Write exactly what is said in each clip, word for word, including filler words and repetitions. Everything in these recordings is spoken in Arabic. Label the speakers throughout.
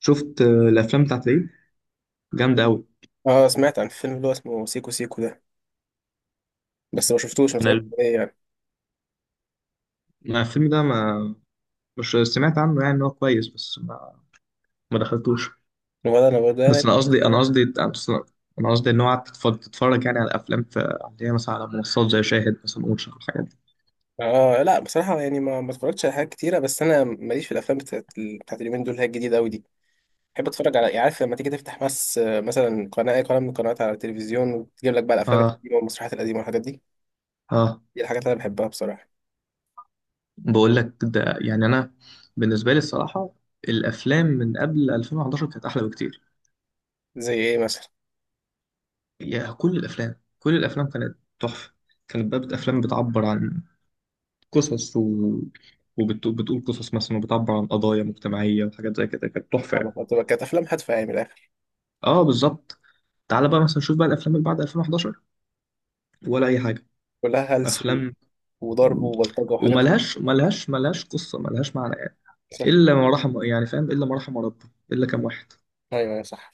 Speaker 1: شفت آه، الافلام بتاعت العيد جامده قوي.
Speaker 2: اه، سمعت عن الفيلم اللي هو اسمه سيكو سيكو ده. بس ما شفتوش، ما
Speaker 1: انا
Speaker 2: اتفرجتش
Speaker 1: ال-
Speaker 2: عليه يعني.
Speaker 1: أنا الفيلم ده ما، مش سمعت عنه يعني ان هو كويس، بس ما, ما دخلتوش.
Speaker 2: ولا انا ولا انا.
Speaker 1: بس انا قصدي انا قصدي أصل- انا قصدي ان هو قعدت تتفرج تتفرج يعني على الافلام في اللي هي مثلا على منصات زي شاهد مثلا واتش الحاجات دي.
Speaker 2: اه لا، بصراحة يعني ما ما اتفرجتش على حاجات كتيرة، بس انا ماليش في الافلام بتاعت بتاعت اليومين دول اللي هي الجديدة قوي دي. بحب اتفرج على يعني، عارف لما تيجي تفتح بس آه، مثلا قناة، اي قناة من القنوات على التلفزيون، وتجيب لك بقى الافلام
Speaker 1: اه.
Speaker 2: القديمة والمسرحيات القديمة والحاجات دي.
Speaker 1: اه،
Speaker 2: دي الحاجات اللي انا بحبها بصراحة.
Speaker 1: بقول لك ده، يعني انا بالنسبه لي الصراحه الافلام من قبل ألفين وحداشر كانت احلى بكتير.
Speaker 2: زي ايه مثلا؟
Speaker 1: يا كل الافلام، كل الافلام كانت تحفه، كانت بقى افلام بتعبر عن قصص و... وبتقول قصص مثلا وبتعبر عن قضايا مجتمعية وحاجات زي كده، كانت تحفة
Speaker 2: أنا
Speaker 1: يعني.
Speaker 2: كنت- كانت افلام هادفة يعني من الاخر.
Speaker 1: اه بالظبط. تعال بقى مثلا شوف بقى الافلام اللي بعد ألفين وأحد عشر، ولا اي حاجة.
Speaker 2: كلها هلس و-
Speaker 1: افلام
Speaker 2: وضرب وبلطجة وحاجات زي
Speaker 1: وملهاش ملهاش ملهاش قصة، ملهاش معنى يعني.
Speaker 2: كده،
Speaker 1: الا
Speaker 2: صح.
Speaker 1: ما رحم يعني، فاهم، الا ما رحم ربي، الا كام واحد،
Speaker 2: ايوه أيوة، صح.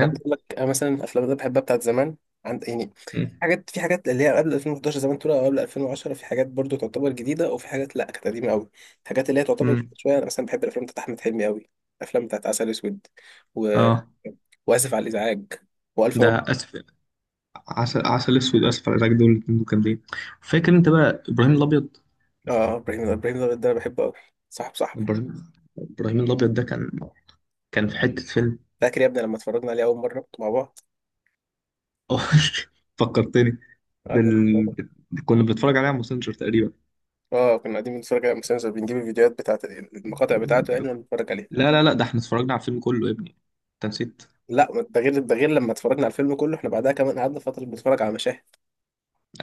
Speaker 2: انا بقول لك، أنا مثلا الافلام اللي أنا بحبها بتاعت زمان، عند يعني
Speaker 1: مم.
Speaker 2: حاجات، في حاجات اللي هي قبل ألفين وحداشر زمان، تقول او قبل ألفين وعشرة، في حاجات برضو تعتبر جديده، وفي حاجات لا، كانت قديمه قوي. الحاجات اللي هي تعتبر جديدة
Speaker 1: مم.
Speaker 2: شويه، انا مثلا بحب الافلام بتاعت احمد حلمي قوي. الافلام بتاعت عسل اسود، و...
Speaker 1: اه
Speaker 2: واسف على الازعاج، والف
Speaker 1: ده
Speaker 2: مبروك.
Speaker 1: اسف، عسل عسل اسود، اسف على الازعاج، دول الاتنين دول جامدين. فاكر انت بقى ابراهيم الابيض؟
Speaker 2: اه ابراهيم الأب- ابراهيم الأبيض ده انا بحبه قوي. صاحب صاحبه.
Speaker 1: ابراهيم، ابراهيم الابيض ده كان كان في حتة فيلم.
Speaker 2: فاكر يا ابني لما اتفرجنا عليه اول مره مع بعض؟
Speaker 1: آه، فكرتني. ده
Speaker 2: قعدنا.
Speaker 1: ال... كنا بنتفرج عليه على ماسنجر تقريبا.
Speaker 2: اه كنا قاعدين بنتفرج على المسلسل، بنجيب الفيديوهات بتاعت المقاطع بتاعته يعني ونتفرج عليها.
Speaker 1: لا لا لا، ده احنا اتفرجنا على الفيلم كله يا ابني، انت نسيت.
Speaker 2: لا، ما ده غير، ده غير. لما اتفرجنا على الفيلم كله، احنا بعدها كمان قعدنا فترة بنتفرج على مشاهد.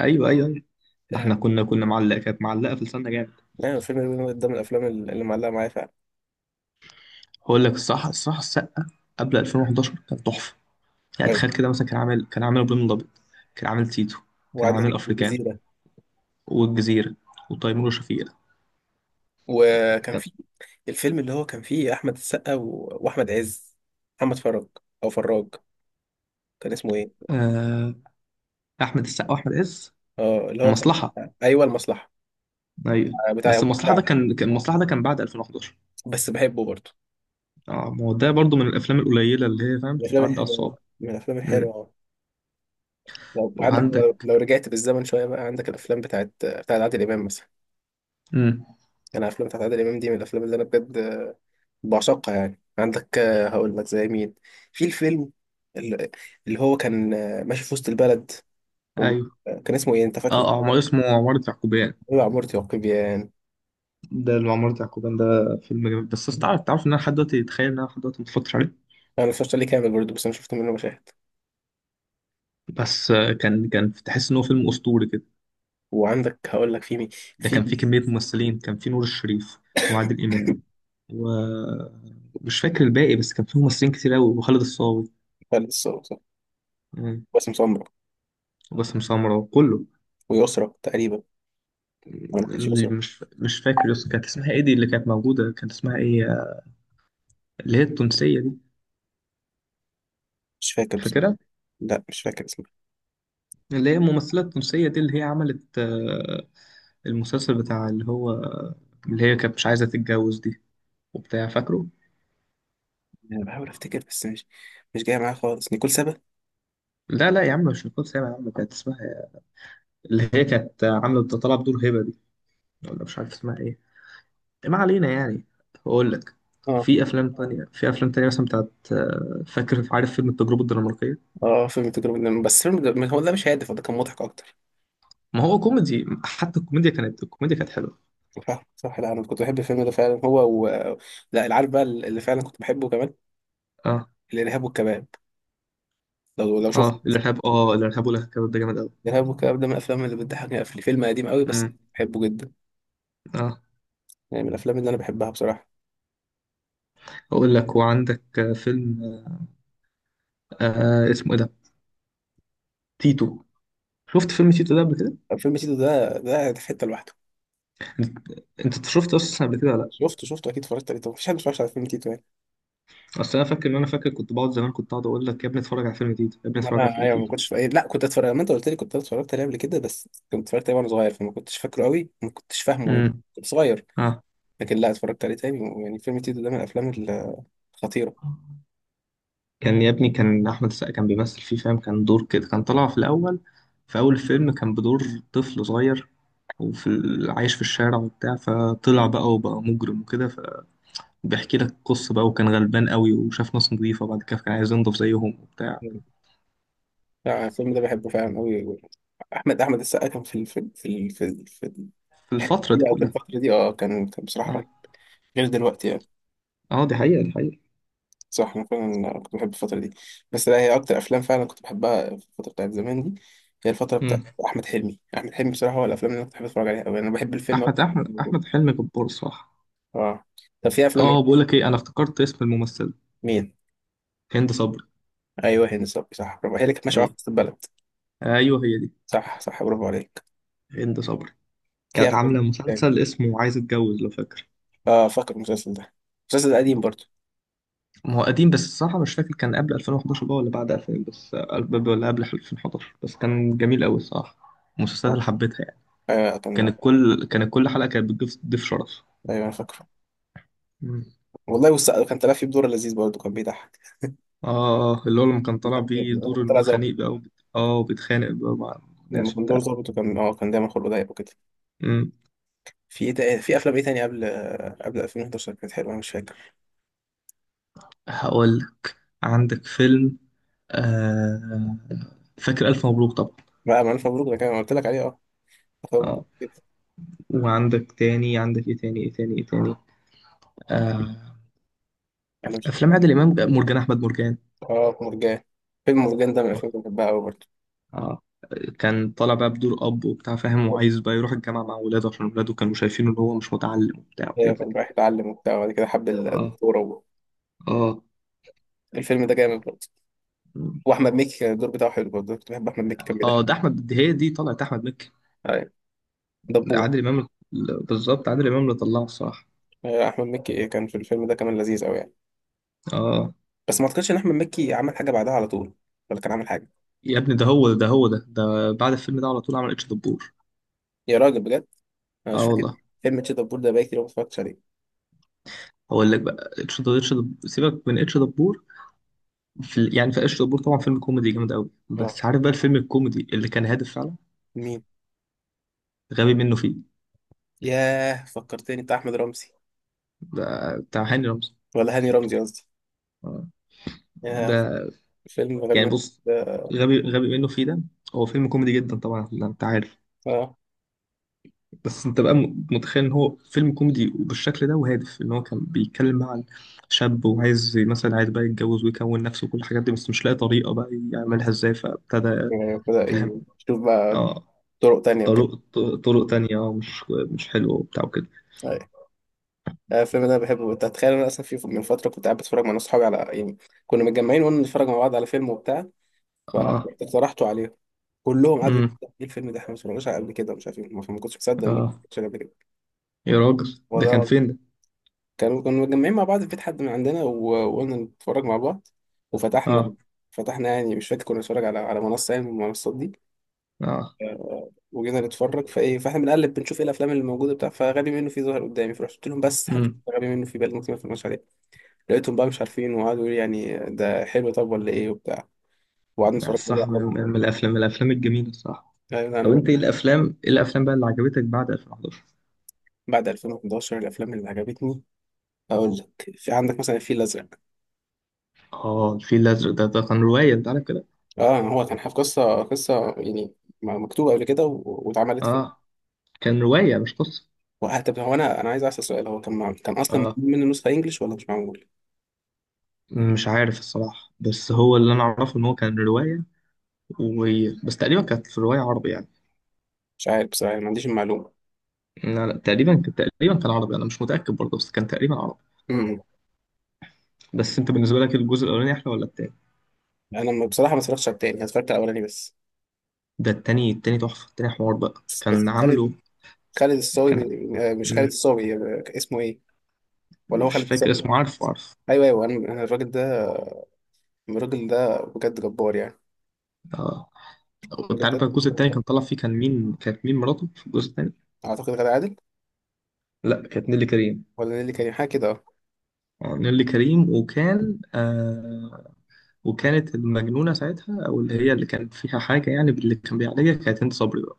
Speaker 1: ايوه ايوه ايوه، ده
Speaker 2: يعني
Speaker 1: احنا كنا كنا معلقه، كانت معلقه في لساننا جامد.
Speaker 2: الفيلم ده من الافلام اللي معلقة معايا فعلا.
Speaker 1: هقول لك الصح الصح السقه قبل ألفين وحداشر كان تحفه. يعني
Speaker 2: أيوة.
Speaker 1: تخيل كده مثلا، كان عامل كان عامل ابراهيم الابيض، كان عامل تيتو، كان عامل
Speaker 2: وعندك
Speaker 1: افريكان
Speaker 2: الجزيرة.
Speaker 1: والجزيره وتيمور وشفيقة.
Speaker 2: وكان
Speaker 1: كان-
Speaker 2: في الفيلم اللي هو كان فيه احمد السقا و... واحمد عز، محمد فرج او فراج، كان اسمه ايه؟
Speaker 1: آه... احمد السقا واحمد عز،
Speaker 2: اه اللي هو كان
Speaker 1: مصلحه.
Speaker 2: بتاع- ايوه، المصلحة.
Speaker 1: ايوه
Speaker 2: بتاع
Speaker 1: بس
Speaker 2: يوم
Speaker 1: المصلحه ده
Speaker 2: الساعة.
Speaker 1: كان كان المصلحه ده كان بعد ألفين وحداشر.
Speaker 2: بس بحبه برضه.
Speaker 1: اه، ما هو ده برضو من الافلام القليله اللي هي، فاهم،
Speaker 2: من الافلام
Speaker 1: تتعدى على الصوابع.
Speaker 2: الحلوة، من الافلام
Speaker 1: امم.
Speaker 2: الحلوة. لو- وعندك، لو
Speaker 1: وعندك.
Speaker 2: لو رجعت بالزمن شوية بقى، عندك الافلام بتاعت بتاعت عادل امام مثلا.
Speaker 1: امم.
Speaker 2: انا الافلام بتاعت عادل امام دي من الافلام اللي انا بجد بعشقها يعني. عندك آه، هقول لك زي مين. في الفيلم ال- اللي هو كان آه، ماشي في وسط البلد،
Speaker 1: ايوه،
Speaker 2: وكان اسمه ايه انت
Speaker 1: اه،
Speaker 2: فاكره؟
Speaker 1: عمر اسمه عمارة يعقوبيان.
Speaker 2: هو عمارة يعقوبيان.
Speaker 1: ده اللي عمارة يعقوبيان ده فيلم جميل، بس أصل تعرف تعرف ان انا لحد دلوقتي، اتخيل ان انا لحد دلوقتي ما اتفرجتش عليه.
Speaker 2: انا مش عليه كامل برضه، بس انا شفت منه مشاهد.
Speaker 1: بس آه، كان كان تحس ان هو فيلم اسطوري كده.
Speaker 2: وعندك هقول لك في مين،
Speaker 1: ده
Speaker 2: في
Speaker 1: كان فيه كميه ممثلين، كان فيه نور الشريف وعادل امام، ومش فاكر الباقي، بس كان فيه ممثلين كتير قوي، وخالد الصاوي.
Speaker 2: لسه
Speaker 1: مم.
Speaker 2: باسم سمرة،
Speaker 1: وباسم سمرة وكله.
Speaker 2: ويسرا تقريبا. انا ما كنتش يسرا.
Speaker 1: مم. مش مش فاكر، يس كانت اسمها ايه دي اللي كانت موجوده، كانت اسمها ايه؟ اللي هي التونسية دي،
Speaker 2: مش فاكر بس.
Speaker 1: فاكرها؟
Speaker 2: لا مش فاكر اسمها.
Speaker 1: اللي هي الممثلة التونسية دي اللي هي عملت، آه، المسلسل بتاع اللي هو، اللي هي كانت مش عايزة تتجوز دي، وبتاع، فاكره؟
Speaker 2: انا بحاول افتكر بس مش، مش جاي معايا خالص، نيكول سابا.
Speaker 1: لا لا يا عم، مش نيكول سابع يا عم، كانت اسمها، اللي هي كانت عاملة طالعة بدور هبة دي، ولا مش عارف اسمها ايه، ما علينا يعني. هقول لك،
Speaker 2: اه.
Speaker 1: في أفلام تانية، في أفلام تانية مثلا بتاعت، آه، فاكر، عارف فيلم التجربة الدنماركية؟
Speaker 2: اه فيلم تجربة، بس فيلم هو ده مش هادف، هو ده كان مضحك اكتر.
Speaker 1: ما هو كوميدي، حتى الكوميديا كانت، الكوميديا كانت حلوة.
Speaker 2: صح صح. لا انا كنت بحب الفيلم ده فعلا، هو و... لا العارف بقى اللي فعلا كنت بحبه كمان،
Speaker 1: اه،
Speaker 2: الارهاب والكباب. لو لو شفت.
Speaker 1: اه الإرهاب، اه الإرهاب والكباب ده جامد أوي.
Speaker 2: الارهاب والكباب ده من الافلام اللي بتضحكني قفل. فيلم قديم قوي بس
Speaker 1: مم.
Speaker 2: بحبه جدا.
Speaker 1: اه،
Speaker 2: يعني من الافلام اللي انا بحبها بصراحه.
Speaker 1: اقول لك، وعندك آه، فيلم، آه اسمه ايه ده، تيتو. شفت فيلم تيتو ده قبل كده؟
Speaker 2: فيلم تيتو ده، ده في حته لوحده.
Speaker 1: انت أنت شفت اصلا قبل كده ولا لا؟
Speaker 2: شفته شفته اكيد، اتفرجت عليه. طب مفيش حد ما اتفرجش على فيلم تيتو يعني.
Speaker 1: اصل انا فاكر ان انا فاكر كنت بقعد زمان، كنت اقعد اقول لك يا ابني اتفرج على فيلم تيتو، يا ابني
Speaker 2: ما
Speaker 1: اتفرج على
Speaker 2: انا
Speaker 1: فيلم
Speaker 2: ايوه، ما
Speaker 1: تيتو.
Speaker 2: كنتش في أي... لا كنت اتفرج، ما انت قلت لي كنت اتفرجت عليه قبل كده، بس كنت اتفرجت عليه وانا صغير، فما كنتش فاكره قوي، ما كنتش فاهمه يعني.
Speaker 1: امم.
Speaker 2: كنت صغير.
Speaker 1: اه.
Speaker 2: لكن لا، اتفرجت عليه تاني يعني. فيلم تيتو ده من الافلام الخطيره.
Speaker 1: كان يا ابني كان احمد السقا كان بيمثل فيه، فاهم، كان دور كده، كان طالع في الاول، في اول الفيلم كان بدور طفل صغير، وفي ال- عايش في الشارع وبتاع، فطلع بقى وبقى مجرم وكده، فبيحكي لك قصة بقى، وكان غلبان قوي وشاف ناس نظيفة، وبعد كده كان عايز ينضف زيهم وبتاع،
Speaker 2: لا، الفيلم ده بحبه فعلا قوي. احمد احمد السقا كان في الفيلم، في ال- في ال- في
Speaker 1: في الفترة دي
Speaker 2: الدقيقه او في
Speaker 1: كلها.
Speaker 2: الفتره دي، اه كان كان بصراحه
Speaker 1: اه.
Speaker 2: رهيب، غير دلوقتي يعني.
Speaker 1: اه، دي حقيقة، دي حقيقة.
Speaker 2: صح، انا فعلا كنت بحب الفتره دي. بس لا، هي اكتر افلام فعلا كنت بحبها في الفتره بتاعت زمان دي، هي الفتره
Speaker 1: مم.
Speaker 2: بتاعت احمد حلمي. احمد حلمي بصراحه هو الافلام اللي انا كنت بحب اتفرج عليها قوي، انا بحب الفيلم
Speaker 1: احمد
Speaker 2: أكتر.
Speaker 1: احمد احمد حلمي جبار، صح.
Speaker 2: اه. طب في افلام
Speaker 1: اه،
Speaker 2: إيه؟
Speaker 1: بقول لك ايه، انا افتكرت اسم الممثلة،
Speaker 2: مين؟
Speaker 1: هند صبري.
Speaker 2: ايوه هند صبري، صح برافو، هي اللي كانت ماشيه معاها في
Speaker 1: ايه،
Speaker 2: وسط البلد.
Speaker 1: ايوه هي دي،
Speaker 2: صح صح، برافو عليك.
Speaker 1: هند صبري.
Speaker 2: في
Speaker 1: كانت
Speaker 2: افلام
Speaker 1: عاملة
Speaker 2: تاني.
Speaker 1: مسلسل اسمه عايز اتجوز، لو فاكر.
Speaker 2: اه فاكر المسلسل ده، المسلسل ده قديم برضه.
Speaker 1: ما هو قديم، بس الصراحة مش فاكر كان قبل ألفين وحداشر بقى ولا بعد ألفين، بس آه، ولا قبل ألفين وحداشر، بس كان جميل قوي الصراحة، المسلسلات
Speaker 2: اه
Speaker 1: اللي حبيتها يعني.
Speaker 2: آه، كان
Speaker 1: كانت كل كانت كل حلقة كانت بتضيف ضيف شرف.
Speaker 2: ايوه انا فاكره.
Speaker 1: مم.
Speaker 2: والله بص، كان طلع فيه بدور لذيذ برضه، كان بيضحك.
Speaker 1: اه، اللي هو لما كان طالع
Speaker 2: لما
Speaker 1: بيه
Speaker 2: كان
Speaker 1: دور ان
Speaker 2: طلع
Speaker 1: هو
Speaker 2: ظابط.
Speaker 1: خنيق بقى وبت... اه وبيتخانق بقى مع
Speaker 2: لما
Speaker 1: الناس
Speaker 2: كان دور
Speaker 1: وبتاع.
Speaker 2: ظابط وكان اه كان دايما خلقه ضيق وكده.
Speaker 1: مم.
Speaker 2: في ايه تاني، في افلام ايه تاني قبل، قبل ألفين وحداشر كانت حلوه، انا مش فاكر.
Speaker 1: هقولك، عندك فيلم، آه، فاكر ألف مبروك طبعا.
Speaker 2: بقى، ما الف مبروك ده كان أنا قلت لك عليه. اه ألف مبروك
Speaker 1: اه،
Speaker 2: جدا.
Speaker 1: وعندك تاني، عندك ايه تاني ايه تاني ايه تاني، آه،
Speaker 2: انا مش فاكر.
Speaker 1: أفلام عادل إمام، مرجان أحمد مرجان.
Speaker 2: اه مرجان. فيلم مرجان ده من الافلام اللي بحبها قوي برضه.
Speaker 1: اه، كان طالع بقى بدور أب وبتاع، فاهم، وعايز بقى يروح الجامعة مع ولاده عشان ولاده كانوا شايفينه إن هو مش متعلم وبتاع
Speaker 2: ايوه
Speaker 1: وحاجات زي
Speaker 2: كان
Speaker 1: كده.
Speaker 2: رايح يتعلم وبتاع، وبعد كده حب
Speaker 1: اه.
Speaker 2: الدكتوره و...
Speaker 1: اه.
Speaker 2: الفيلم ده جامد برضه. واحمد مكي كان الدور بتاعه حلو برضه، كنت بحب احمد مكي كان
Speaker 1: اه
Speaker 2: بيضحك.
Speaker 1: ده أحمد، دي هي دي طلعت أحمد مكي.
Speaker 2: ايوه. دبور.
Speaker 1: عادل إمام ال- بالظبط، عادل إمام اللي طلعه الصراحة.
Speaker 2: أيوة، احمد مكي كان في الفيلم ده كمان لذيذ قوي.
Speaker 1: اه،
Speaker 2: بس ما اعتقدش ان احمد مكي عمل حاجه بعدها على طول، ولا كان عامل حاجه.
Speaker 1: يا ابني ده هو، ده هو ده ده بعد الفيلم ده على طول عمل اتش دبور.
Speaker 2: يا راجل بجد، انا مش
Speaker 1: اه
Speaker 2: فاكر.
Speaker 1: والله.
Speaker 2: فيلم تشيتابور ده بقى كتير أوي ما اتفرجتش عليه.
Speaker 1: هقول لك بقى، اتش دبور اتش دبور، سيبك من اتش دبور، في ال- يعني في اتش دبور طبعا فيلم كوميدي جامد قوي،
Speaker 2: اه.
Speaker 1: بس عارف بقى الفيلم الكوميدي اللي كان هادف فعلا،
Speaker 2: مين؟
Speaker 1: غبي منه فيه،
Speaker 2: ياه فكرتني، بتاع احمد رمزي،
Speaker 1: ده بتاع هاني رمزي.
Speaker 2: ولا هاني رمزي قصدي.
Speaker 1: آه.
Speaker 2: ياه،
Speaker 1: ده،
Speaker 2: فيلم غبي
Speaker 1: يعني
Speaker 2: منه
Speaker 1: بص،
Speaker 2: ده.
Speaker 1: غبي غبي منه فيه ده، هو فيلم كوميدي جدا طبعا، لا، انت عارف،
Speaker 2: اه
Speaker 1: بس انت بقى م- متخيل ان هو فيلم كوميدي وبالشكل ده وهادف، ان هو كان بيتكلم عن شاب، وعايز مثلا، عايز بقى يتجوز ويكون نفسه وكل الحاجات دي، بس مش لاقي طريقة بقى يعملها ازاي، فابتدى،
Speaker 2: بدأ
Speaker 1: فاهم،
Speaker 2: يشوف بقى
Speaker 1: اه،
Speaker 2: طرق تانية وكده.
Speaker 1: طرق، طرق تانية، اه مش مش حلوة وبتاع وكده.
Speaker 2: أيوة. آه، الفيلم ده بحبه. انت هتخيل انا اصلا في من فتره كنت قاعد بتفرج مع ناس صحابي على يعني، كنا متجمعين وقلنا نتفرج مع بعض على فيلم وبتاع،
Speaker 1: اه.
Speaker 2: فاقترحته عليهم، كلهم قعدوا
Speaker 1: امم.
Speaker 2: يقولوا ايه الفيلم ده احنا ما اتفرجناش عليه قبل كده مش عارف ايه، ما كنتش مصدق انه ما
Speaker 1: اه،
Speaker 2: اتفرجتش عليه قبل كده.
Speaker 1: يا راجل
Speaker 2: هو
Speaker 1: ده
Speaker 2: ده.
Speaker 1: كان فين ده.
Speaker 2: كانوا كانوا متجمعين مع بعض في بيت حد من عندنا و- وقلنا نتفرج مع بعض، وفتحنا،
Speaker 1: اه.
Speaker 2: فتحنا يعني، مش فاكر، كنا بنتفرج على على منصة يعني من المنصات دي.
Speaker 1: اه.
Speaker 2: وجينا نتفرج، فايه، فاحنا بنقلب، بنشوف ايه الافلام اللي موجوده بتاع فغبي منه فيه ظهر قدامي، فرحت قلت لهم بس هنشوف
Speaker 1: امم.
Speaker 2: غبي منه فيه، بقى ممكن ما اتفرجش عليه. لقيتهم بقى مش عارفين، وقعدوا يقولوا لي يعني ده حلو طب ولا ايه وبتاع، وقعدنا
Speaker 1: لا،
Speaker 2: نتفرج بقى
Speaker 1: الصراحة من،
Speaker 2: على بعض.
Speaker 1: من الافلام من الافلام الجميلة الصراحة.
Speaker 2: يعني انا
Speaker 1: طب
Speaker 2: بقى.
Speaker 1: انت ايه الافلام، ايه الافلام بقى اللي عجبتك بعد ألفين وحداشر؟
Speaker 2: بعد ألفين وحداشر، الافلام اللي عجبتني، اقول لك، في عندك مثلا الفيل الازرق.
Speaker 1: اه الفيل الازرق ده، ده كان رواية انت عارف كده.
Speaker 2: اه هو كان حاجة، قصه قصه يعني مكتوبه قبل كده و- واتعملت.
Speaker 1: اه، كان رواية مش قصة.
Speaker 2: وه- طب هو، انا انا عايز اسال سؤال، هو كان مع... كان اصلا
Speaker 1: اه،
Speaker 2: معمول منه نسخه انجلش ولا مش معمول؟
Speaker 1: مش عارف الصراحة، بس هو اللي أنا أعرفه إن هو كان رواية، و... بس تقريبا كانت في الرواية عربي يعني.
Speaker 2: مش عارف بصراحه، ما عنديش المعلومه.
Speaker 1: لا لا، تقريبا كان، تقريبا كان عربي، أنا مش متأكد برضه، بس كان تقريبا عربي.
Speaker 2: امم.
Speaker 1: بس أنت بالنسبة لك الجزء الأولاني أحلى ولا التاني؟
Speaker 2: انا ما- بصراحه ما اتفرجتش على التاني، أنا اتفرجت على الاولاني بس.
Speaker 1: ده التاني، التاني تحفة، التاني حوار بقى، كان
Speaker 2: بس خالد،
Speaker 1: عامله
Speaker 2: خالد الصاوي
Speaker 1: كان.
Speaker 2: من- آه، مش خالد
Speaker 1: مم،
Speaker 2: الصاوي، آه، اسمه ايه؟ ولا هو
Speaker 1: مش
Speaker 2: خالد
Speaker 1: فاكر
Speaker 2: الصاوي.
Speaker 1: اسمه، عارفه، عارف.
Speaker 2: ايوه ايوه، انا أنا الراجل ده، الراجل ده بجد جبار يعني.
Speaker 1: اه، وأنت
Speaker 2: الراجل
Speaker 1: عارف
Speaker 2: ده،
Speaker 1: بقى الجزء التاني كان طلع فيه، كان مين، كانت مين مراته في الجزء التاني؟
Speaker 2: اعتقد غادة عادل.
Speaker 1: لا كانت نيلي كريم.
Speaker 2: ولا نيللي كريم، حاجه كده اه.
Speaker 1: اه نيلي كريم، وكان آه، وكانت المجنونة ساعتها، أو اللي هي اللي كان فيها حاجة يعني، باللي كان بيعالجها، كانت هند صبري بقى.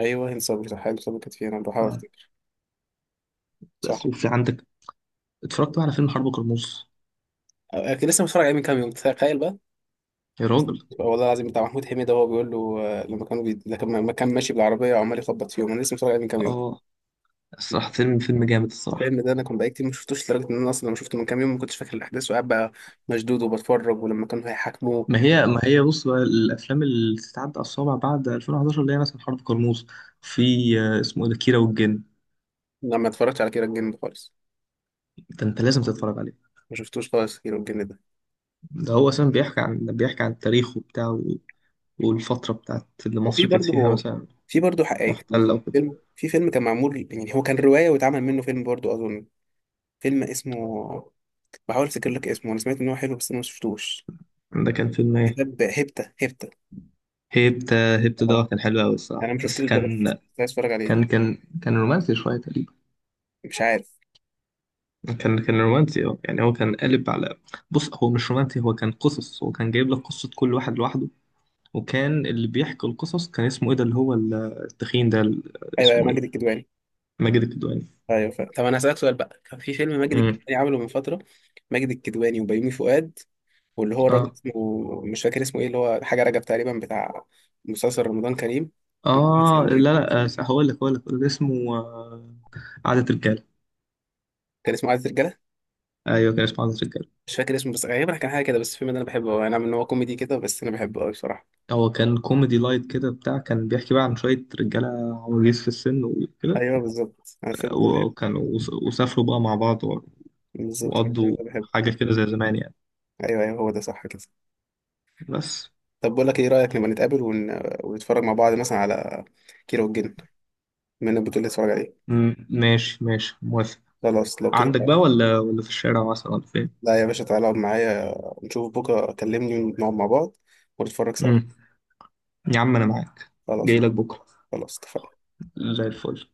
Speaker 2: ايوه هند صبري صح، هند صبري كانت فيها، انا بحاول
Speaker 1: آه،
Speaker 2: افتكر. صح.
Speaker 1: بس وفي عندك، اتفرجت بقى على فيلم حرب كرموز؟
Speaker 2: آه، كنت لسه متفرج عليه من كام يوم، تخيل بقى.
Speaker 1: يا راجل.
Speaker 2: والله العظيم، بتاع محمود حميدة، هو بيقول له آه، لما كانوا بي... لما لما كان ماشي بالعربية وعمال يخبط فيهم، أنا لسه متفرج عليه من كام يوم.
Speaker 1: اه، الصراحة فيلم، فيلم جامد الصراحة.
Speaker 2: الفيلم ده أنا كنت بقالي كتير ما شفتوش، لدرجة إن أنا أصلا لما شفته من كام يوم ما كنتش فاكر الأحداث، وقاعد بقى مشدود وبتفرج، ولما كانوا هيحاكموه.
Speaker 1: ما هي، ما هي بص بقى الافلام اللي تتعدى على الصوابع بعد ألفين وأحد عشر، اللي هي مثلا حرب كرموز، في آه، اسمه ايه ده، كيرة والجن.
Speaker 2: لا، ما اتفرجتش على كيرة الجن ده خالص.
Speaker 1: ده انت لازم تتفرج عليه.
Speaker 2: ما شفتوش خالص كيرة الجن ده.
Speaker 1: ده هو اصلا بيحكي عن، بيحكي عن التاريخ وبتاع، والفتره بتاعت اللي
Speaker 2: وفي
Speaker 1: مصر كانت فيها
Speaker 2: برضه،
Speaker 1: مثلا
Speaker 2: في برضه حقائق.
Speaker 1: محتله وكده.
Speaker 2: فيلم، في فيلم كان معمول يعني، هو كان رواية واتعمل منه فيلم برضه أظن. فيلم اسمه، بحاول أفتكر لك اسمه، أنا سمعت إن هو حلو بس أنا ما شفتوش.
Speaker 1: ده كان فيلم إيه؟
Speaker 2: كتاب هيبتا، هيبتا.
Speaker 1: هيبت. هيبت
Speaker 2: آه.
Speaker 1: ده كان حلو قوي
Speaker 2: انا
Speaker 1: الصراحه،
Speaker 2: ما
Speaker 1: بس
Speaker 2: شفتوش ده، بس
Speaker 1: كان،
Speaker 2: كنت عايز اتفرج عليه.
Speaker 1: كان كان كان رومانسي شويه تقريبا.
Speaker 2: مش عارف.
Speaker 1: كان كان رومانسي اه، يعني هو كان قالب على، بص هو مش رومانسي، هو كان قصص، هو كان جايب لك قصه كل واحد لوحده. وكان اللي بيحكي القصص كان اسمه ايه ده، اللي هو ال- التخين ده، ال-
Speaker 2: ايوه يا
Speaker 1: اسمه ايه،
Speaker 2: ماجد الكدواني.
Speaker 1: ماجد الكدواني.
Speaker 2: ايوه. ف... طب انا هسألك سؤال، بقى كان في فيلم ماجد
Speaker 1: امم.
Speaker 2: الكدواني عمله من فترة، ماجد الكدواني وبيومي فؤاد، واللي هو الراجل
Speaker 1: اه.
Speaker 2: اسمه، مش فاكر اسمه ايه، اللي هو حاجة رجب تقريبا، بتاع مسلسل رمضان كريم.
Speaker 1: اه لا
Speaker 2: ثانية.
Speaker 1: لا، آه، هقول لك هقول لك اللي اسمه، آه، عادة رجاله.
Speaker 2: كان اسمه عايز رجالة.
Speaker 1: ايوه كان اسمه عادة رجاله.
Speaker 2: مش فاكر اسمه بس غالبا كان حاجة كده. بس الفيلم ده انا بحبه أوي. انا، من هو كوميدي كده بس انا بحبه قوي بصراحة.
Speaker 1: هو كان كوميدي لايت كده بتاع، كان بيحكي بقى عن شويه رجاله عواجيز في السن وكده.
Speaker 2: ايوه بالظبط انا الفيلم ده بحبه.
Speaker 1: وكانوا وس- وسافروا بقى مع بعض و-
Speaker 2: بالظبط انا الفيلم
Speaker 1: وقضوا
Speaker 2: ده بحبه.
Speaker 1: حاجة كده زي زمان يعني.
Speaker 2: ايوه ايوه هو ده صح كده.
Speaker 1: بس
Speaker 2: طب بقول لك ايه رأيك نبقى نتقابل ون... ونتفرج مع بعض مثلا على كيرة والجن، من البطولة اللي اتفرج عليه.
Speaker 1: م- ماشي، ماشي، موافق.
Speaker 2: خلاص لو كده.
Speaker 1: عندك
Speaker 2: لا
Speaker 1: بقى، ولا ولا في الشارع مثلا، ولا فين؟
Speaker 2: لا يا باشا، تعالى اقعد معايا، نشوف بكرة كلمني ونقعد مع بعض ونتفرج سوا.
Speaker 1: مم. يا عم أنا معاك،
Speaker 2: خلاص.
Speaker 1: جاي لك بكرة،
Speaker 2: خلاص اتفقنا.
Speaker 1: زي الفل.